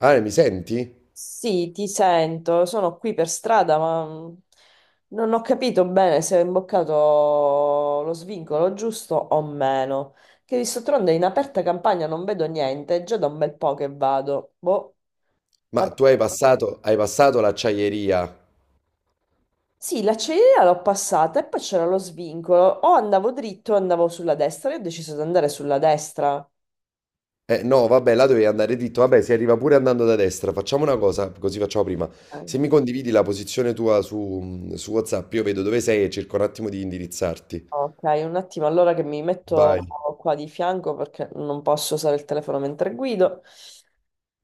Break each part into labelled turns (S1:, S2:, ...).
S1: Ale, mi senti?
S2: Sì, ti sento, sono qui per strada, ma non ho capito bene se ho imboccato lo svincolo giusto o meno. Che visto tronde in aperta campagna non vedo niente, è già da un bel po' che vado. Boh, ma...
S1: Ma tu hai passato l'acciaieria.
S2: Sì, l'acciaieria l'ho passata e poi c'era lo svincolo. O andavo dritto o andavo sulla destra, io ho deciso di andare sulla destra.
S1: Eh no, vabbè, là dovevi andare dritto. Vabbè, si arriva pure andando da destra. Facciamo una cosa, così facciamo prima.
S2: Eh,
S1: Se mi condividi la posizione tua su WhatsApp, io vedo dove sei e cerco un attimo di indirizzarti.
S2: Ok, un attimo, allora che mi
S1: Vai.
S2: metto qua di fianco perché non posso usare il telefono mentre guido.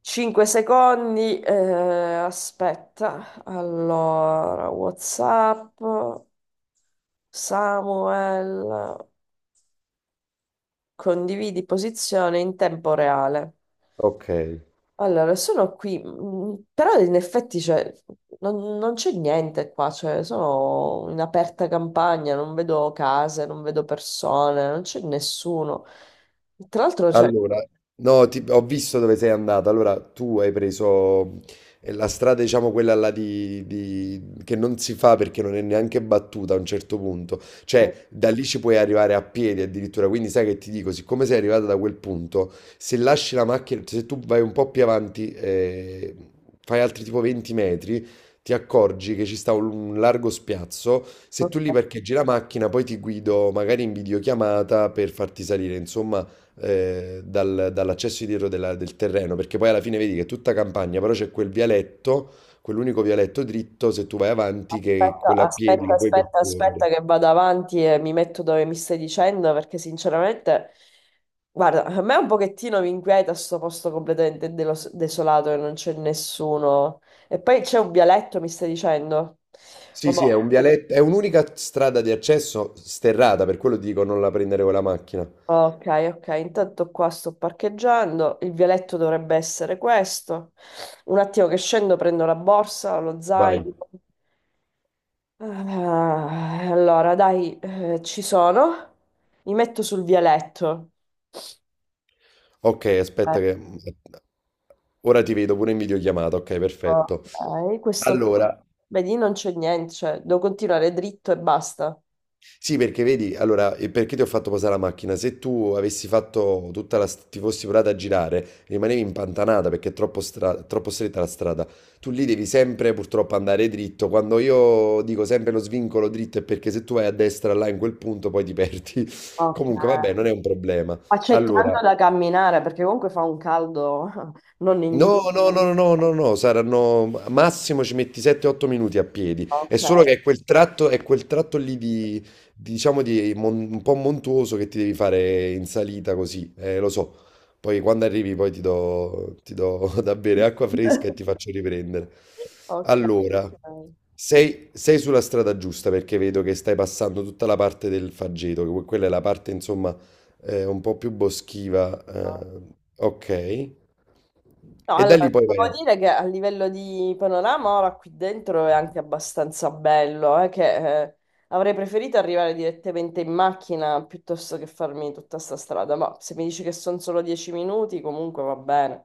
S2: 5 secondi, aspetta. Allora, WhatsApp, Samuel, condividi posizione in tempo reale.
S1: Ok.
S2: Allora, sono qui, però in effetti cioè, non c'è niente qua, cioè, sono in aperta campagna, non vedo case, non vedo persone, non c'è nessuno. Tra l'altro, cioè,
S1: Allora, no, ho visto dove sei andata. Allora, tu hai preso la strada, diciamo, quella là che non si fa perché non è neanche battuta a un certo punto. Cioè, da lì ci puoi arrivare a piedi addirittura. Quindi sai che ti dico, siccome sei arrivata da quel punto, se lasci la macchina, se tu vai un po' più avanti, fai altri tipo 20 metri, ti accorgi che ci sta un largo spiazzo. Se tu lì parcheggi la macchina, poi ti guido magari in videochiamata per farti salire. Insomma, dall'accesso dietro del terreno, perché poi alla fine vedi che è tutta campagna, però c'è quel vialetto, quell'unico vialetto dritto, se tu vai avanti, che
S2: aspetta,
S1: quello a piedi
S2: aspetta,
S1: lo puoi
S2: aspetta,
S1: percorrere.
S2: aspetta che vado avanti e mi metto dove mi stai dicendo perché sinceramente, guarda, a me un pochettino mi inquieta sto posto completamente desolato e non c'è nessuno. E poi c'è un vialetto, mi stai dicendo?
S1: Sì,
S2: Vabbè.
S1: sì, è un vialetto, è un'unica strada di accesso sterrata, per quello ti dico non la prendere con la macchina.
S2: Ok, ok, intanto qua sto parcheggiando, il vialetto dovrebbe essere questo. Un attimo che scendo, prendo la borsa, lo zaino.
S1: Vai.
S2: Ah, allora, dai, ci sono. Mi metto sul vialetto.
S1: Ok, aspetta che... Ora ti vedo pure in videochiamata, ok,
S2: Ecco,
S1: perfetto.
S2: ok, questo...
S1: Allora,
S2: Vedi, non c'è niente, cioè, devo continuare dritto e basta.
S1: sì, perché vedi, allora, e perché ti ho fatto posare la macchina? Se tu avessi fatto tutta la, ti fossi provata a girare, rimanevi impantanata perché è troppo, troppo stretta la strada. Tu lì devi sempre purtroppo andare dritto. Quando io dico sempre lo svincolo dritto è perché se tu vai a destra là in quel punto poi ti perdi.
S2: Ok.
S1: Comunque, vabbè, non è un problema. Allora,
S2: Accettando da camminare, perché comunque fa un caldo non indifferente.
S1: no, no, no, no, no, no, no, saranno massimo ci metti 7-8 minuti a piedi. È
S2: Ok.
S1: solo che è quel tratto lì di, diciamo, di un po' montuoso che ti devi fare in salita così, lo so. Poi quando arrivi poi ti do da bere acqua fresca e ti faccio riprendere.
S2: Ok.
S1: Allora, sei sulla strada giusta perché vedo che stai passando tutta la parte del Faggeto, che quella è la parte, insomma, un po' più boschiva,
S2: Ok.
S1: ok.
S2: No,
S1: E da
S2: allora,
S1: lì poi
S2: devo
S1: vai.
S2: dire che a livello di panorama ora qui dentro è anche abbastanza bello, che avrei preferito arrivare direttamente in macchina piuttosto che farmi tutta sta strada, ma se mi dici che sono solo 10 minuti comunque va bene.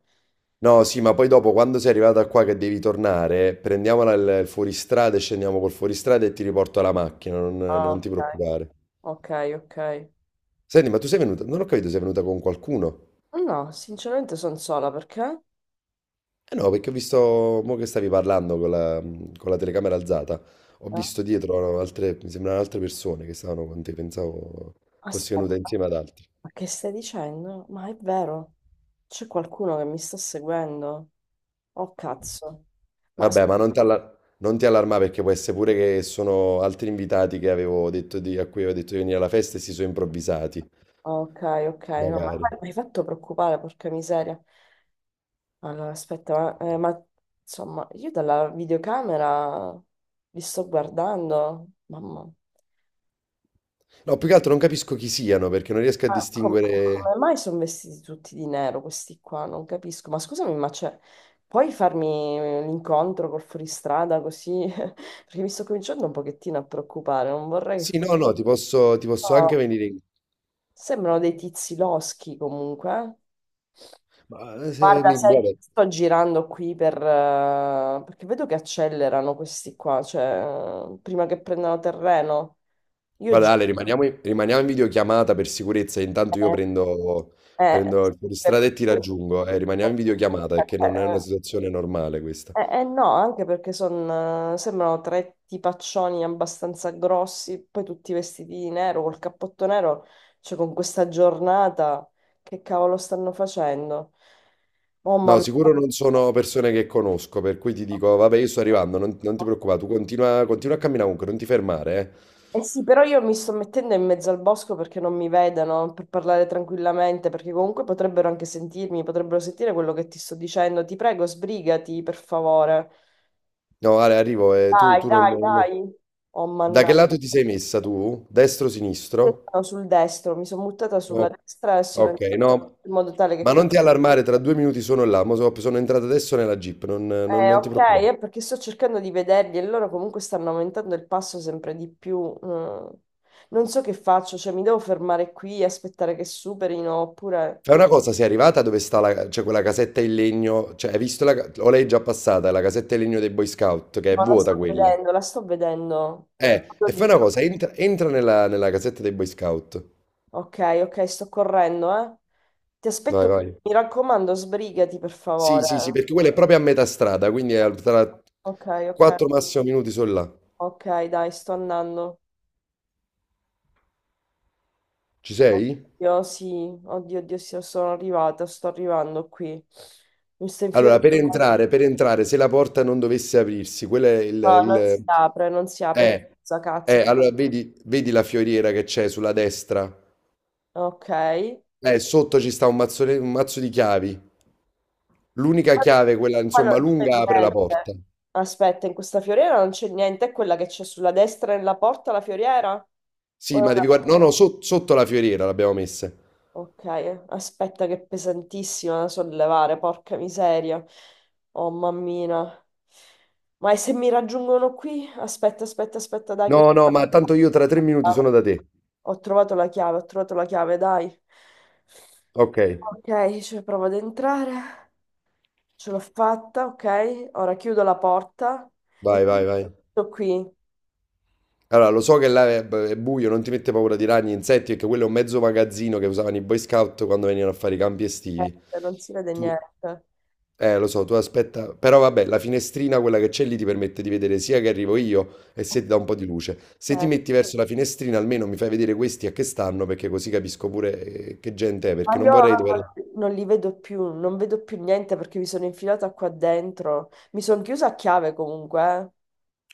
S1: No, sì, ma poi dopo, quando sei arrivata qua che devi tornare, prendiamola il fuoristrada e scendiamo col fuoristrada e ti riporto alla macchina,
S2: Ah,
S1: non ti
S2: ok,
S1: preoccupare.
S2: ok, ok.
S1: Senti, ma tu sei venuta, non ho capito, sei venuta con qualcuno?
S2: No, sinceramente sono sola perché?
S1: Eh no, perché ho visto, mo che stavi parlando con con la telecamera alzata, ho
S2: Ah,
S1: visto dietro altre, mi sembrano altre persone che stavano con te, pensavo fossi venuta
S2: aspetta,
S1: insieme ad altri.
S2: ma che stai dicendo? Ma è vero, c'è qualcuno che mi sta seguendo? Oh cazzo. Ma
S1: Vabbè, ma non ti allarmare perché può essere pure che sono altri invitati che avevo detto di, a cui avevo detto di venire alla festa e si sono improvvisati,
S2: ok, ok, no, ma
S1: magari.
S2: guarda, mi hai fatto preoccupare, porca miseria. Allora, aspetta, insomma, io dalla videocamera vi sto guardando, mamma.
S1: No, più che altro non capisco chi siano perché non riesco a
S2: Ma
S1: distinguere.
S2: come mai sono vestiti tutti di nero questi qua? Non capisco. Ma scusami, ma c'è... Puoi farmi l'incontro col fuoristrada così? Perché mi sto cominciando un pochettino a preoccupare, non vorrei che...
S1: Sì,
S2: fosse-
S1: no, no, ti posso anche venire in...
S2: Sembrano dei tizi loschi comunque, eh.
S1: Ma se
S2: Guarda,
S1: mi...
S2: sai,
S1: Guarda,
S2: sto girando qui per... perché vedo che accelerano questi qua, cioè, prima che prendano terreno. Io
S1: guarda,
S2: giro...
S1: Ale, rimaniamo in videochiamata per sicurezza, intanto io
S2: Eh,
S1: prendo,
S2: eh,
S1: prendo il
S2: per...
S1: fuoristrada e ti
S2: eh,
S1: raggiungo, rimaniamo in videochiamata perché non è
S2: eh,
S1: una situazione normale questa.
S2: no, anche perché sembrano tre tipaccioni abbastanza grossi, poi tutti vestiti di nero, col cappotto nero, cioè con questa giornata, che cavolo stanno facendo? Oh mamma
S1: No,
S2: mia.
S1: sicuro non sono persone che conosco, per cui ti dico, vabbè, io sto arrivando, non ti preoccupare, tu continua, continua a camminare comunque, non ti fermare, eh.
S2: Eh sì, però io mi sto mettendo in mezzo al bosco perché non mi vedano, per parlare tranquillamente, perché comunque potrebbero anche sentirmi, potrebbero sentire quello che ti sto dicendo. Ti prego, sbrigati, per favore.
S1: No, Ale, arrivo, tu,
S2: Dai,
S1: tu non...
S2: dai, dai. Oh,
S1: Da che
S2: mannaggia.
S1: lato ti sei messa tu? Destro,
S2: Io
S1: sinistro?
S2: sono sul destro, mi sono buttata sulla
S1: No,
S2: destra e sono
S1: ok,
S2: entrata
S1: no,
S2: in modo tale che...
S1: ma
S2: com-
S1: non ti allarmare, tra 2 minuti sono là, mo sono entrato adesso nella Jeep, non, non ti
S2: Ok,
S1: preoccupare.
S2: è perché sto cercando di vederli e loro comunque stanno aumentando il passo sempre di più. mm. Non so che faccio, cioè mi devo fermare qui e aspettare che superino oppure...
S1: Fai una cosa, sei arrivata dove sta la, cioè quella casetta in legno, cioè hai visto la, o lei è già passata, la casetta in legno dei Boy Scout, che è
S2: No, la
S1: vuota
S2: sto
S1: quella.
S2: vedendo, la sto vedendo. Vado
S1: E
S2: lì.
S1: fai una cosa, entra, entra nella, nella casetta dei Boy Scout.
S2: Ok, ok, sto correndo, eh. Ti
S1: Vai,
S2: aspetto,
S1: vai.
S2: mi raccomando, sbrigati per
S1: Sì,
S2: favore.
S1: sì, sì, perché quella è proprio a metà strada, quindi è tra
S2: Ok, ok,
S1: 4 massimo minuti sono là.
S2: ok, dai, sto andando.
S1: Ci sei?
S2: Oddio, sì, oddio, oddio, sì, sono arrivata, sto arrivando qui. Mi sto infilando.
S1: Allora, per entrare, se la porta non dovesse aprirsi, quello è il...
S2: No, non si apre, non si apre.
S1: Eh,
S2: Cazzo, cazzo.
S1: allora vedi, vedi la fioriera che c'è sulla destra?
S2: Ok.
S1: Sotto ci sta un un mazzo di chiavi. L'unica chiave, quella
S2: Qua
S1: insomma
S2: non c'è
S1: lunga, apre la
S2: niente.
S1: porta.
S2: Aspetta, in questa fioriera non c'è niente, è quella che c'è sulla destra nella porta, la fioriera? O è
S1: Sì, ma
S2: una-
S1: devi guardare... No, no, sotto la fioriera l'abbiamo messa.
S2: Ok, aspetta che è pesantissima da sollevare, porca miseria. Oh mammina. Ma e se mi raggiungono qui? Aspetta, aspetta, aspetta, dai, che ho
S1: No, no, ma tanto io tra 3 minuti sono da te.
S2: ho trovato la chiave, ho trovato la chiave, dai.
S1: Ok,
S2: Ok, cioè provo ad entrare. Ce l'ho fatta, ok. Ora chiudo la porta e
S1: vai, vai, vai.
S2: sto qui. Niente,
S1: Allora, lo so che là è buio, non ti mette paura di ragni, insetti, perché quello è un mezzo magazzino che usavano i Boy Scout quando venivano a fare i campi estivi.
S2: non si vede
S1: Tu,
S2: niente.
S1: lo so, tu aspetta, però vabbè, la finestrina, quella che c'è lì, ti permette di vedere sia che arrivo io e se ti dà un po' di luce. Se ti
S2: Ok.
S1: metti verso la finestrina, almeno mi fai vedere questi a che stanno, perché così capisco pure che gente è,
S2: Ma
S1: perché non
S2: io ora
S1: vorrei dover...
S2: non li vedo più, non vedo più niente perché mi sono infilata qua dentro. Mi sono chiusa a chiave comunque,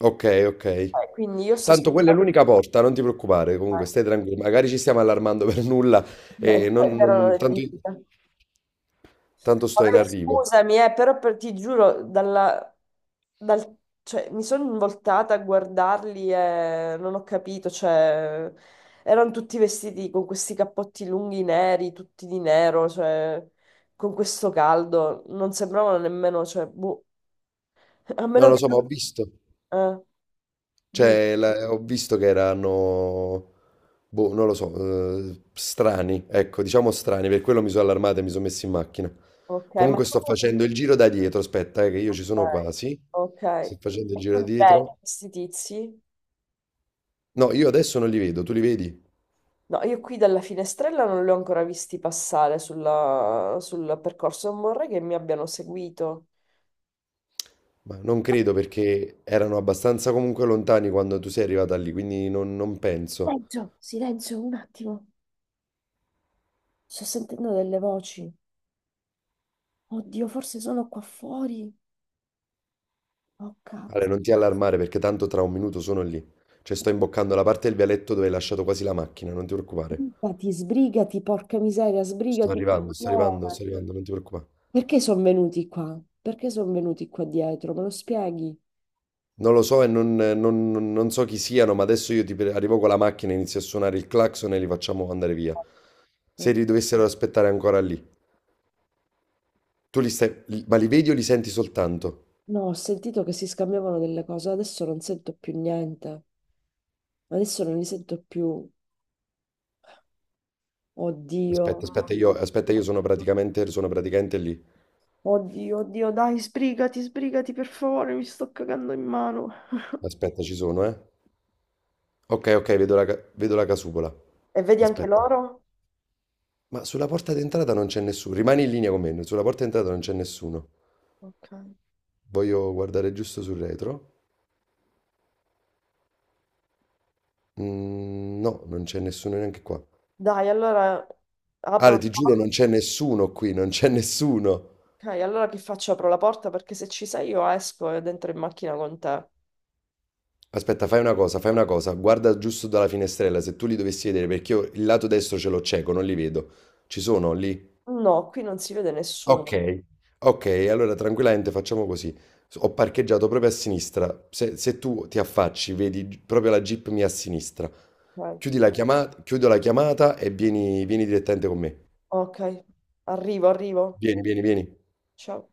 S1: Ok, ok.
S2: quindi io sto
S1: Tanto quella è
S2: aspettando.
S1: l'unica porta, non ti preoccupare, comunque stai tranquillo. Magari ci stiamo allarmando per nulla e
S2: eh, Erano degli
S1: tanto,
S2: infilati.
S1: tanto sto in
S2: Vabbè,
S1: arrivo.
S2: scusami, però ti giuro, dal- cioè, mi sono voltata a guardarli e non ho capito, cioè, erano tutti vestiti con questi cappotti lunghi neri, tutti di nero, cioè, con questo caldo, non sembravano nemmeno, cioè, boh, a
S1: Non
S2: meno
S1: lo
S2: che...
S1: so, ma ho visto.
S2: no, di-
S1: Cioè, ho visto che erano, boh, non lo so, strani, ecco, diciamo strani, per quello mi sono allarmato e mi sono messo in macchina.
S2: Ok, ma
S1: Comunque
S2: tu...
S1: sto facendo il giro da dietro, aspetta, che io ci
S2: Ok,
S1: sono quasi.
S2: ok.
S1: Sto facendo
S2: E
S1: il
S2: tu
S1: giro da
S2: li vedi
S1: dietro.
S2: questi tizi?
S1: No, io adesso non li vedo, tu li vedi?
S2: No, io qui dalla finestrella non li ho ancora visti passare sul percorso, non vorrei che mi abbiano seguito.
S1: Ma non credo perché erano abbastanza comunque lontani quando tu sei arrivata lì, quindi non penso.
S2: Silenzio, silenzio, un attimo. Sto sentendo delle voci. Oddio, forse sono qua fuori. Oh
S1: Ale,
S2: cazzo.
S1: non ti allarmare perché tanto tra 1 minuto sono lì. Cioè sto imboccando la parte del vialetto dove hai lasciato quasi la macchina, non ti preoccupare.
S2: Sbrigati, sbrigati, porca miseria,
S1: Sto
S2: sbrigati.
S1: arrivando, sto
S2: No,
S1: arrivando,
S2: ma-
S1: sto arrivando, non ti preoccupare.
S2: Perché sono venuti qua? Perché sono venuti qua dietro? Me lo spieghi?
S1: Non lo so e non so chi siano, ma adesso io arrivo con la macchina, inizio a suonare il clacson e li facciamo andare via. Se
S2: No,
S1: li dovessero aspettare ancora lì. Tu li stai, li- Ma li vedi o li senti soltanto?
S2: ho sentito che si scambiavano delle cose, adesso non sento più niente. Adesso non li sento più. Oddio.
S1: Aspetta, aspetta, io sono praticamente lì.
S2: Oddio, oddio, dai, sbrigati, sbrigati per favore, mi sto cagando in mano.
S1: Aspetta, ci sono, eh. Ok, ok, vedo la, vedo la casupola.
S2: E vedi anche
S1: Aspetta.
S2: loro?
S1: Ma sulla porta d'entrata non c'è nessuno. Rimani in linea con me, sulla porta d'entrata non c'è nessuno.
S2: Ok.
S1: Voglio guardare giusto sul retro. Mm, no, non c'è nessuno neanche qua.
S2: Dai, allora apro
S1: Ale,
S2: la
S1: ti giuro,
S2: porta.
S1: non c'è nessuno qui, non c'è nessuno.
S2: Ok, allora che faccio? Apro la porta perché se ci sei io esco ed entro in macchina con te.
S1: Aspetta, fai una cosa, fai una cosa. Guarda giusto dalla finestrella, se tu li dovessi vedere, perché io il lato destro ce l'ho cieco, non li vedo. Ci sono lì
S2: No, qui non si vede nessuno.
S1: ok, ok, allora tranquillamente facciamo così. Ho parcheggiato proprio a sinistra. Se, se tu ti affacci, vedi proprio la Jeep mia a sinistra.
S2: Ok,
S1: Chiudi la chiamata, chiudo la chiamata e vieni, vieni direttamente con me.
S2: ok, arrivo, arrivo.
S1: Vieni, vieni, vieni.
S2: Ciao.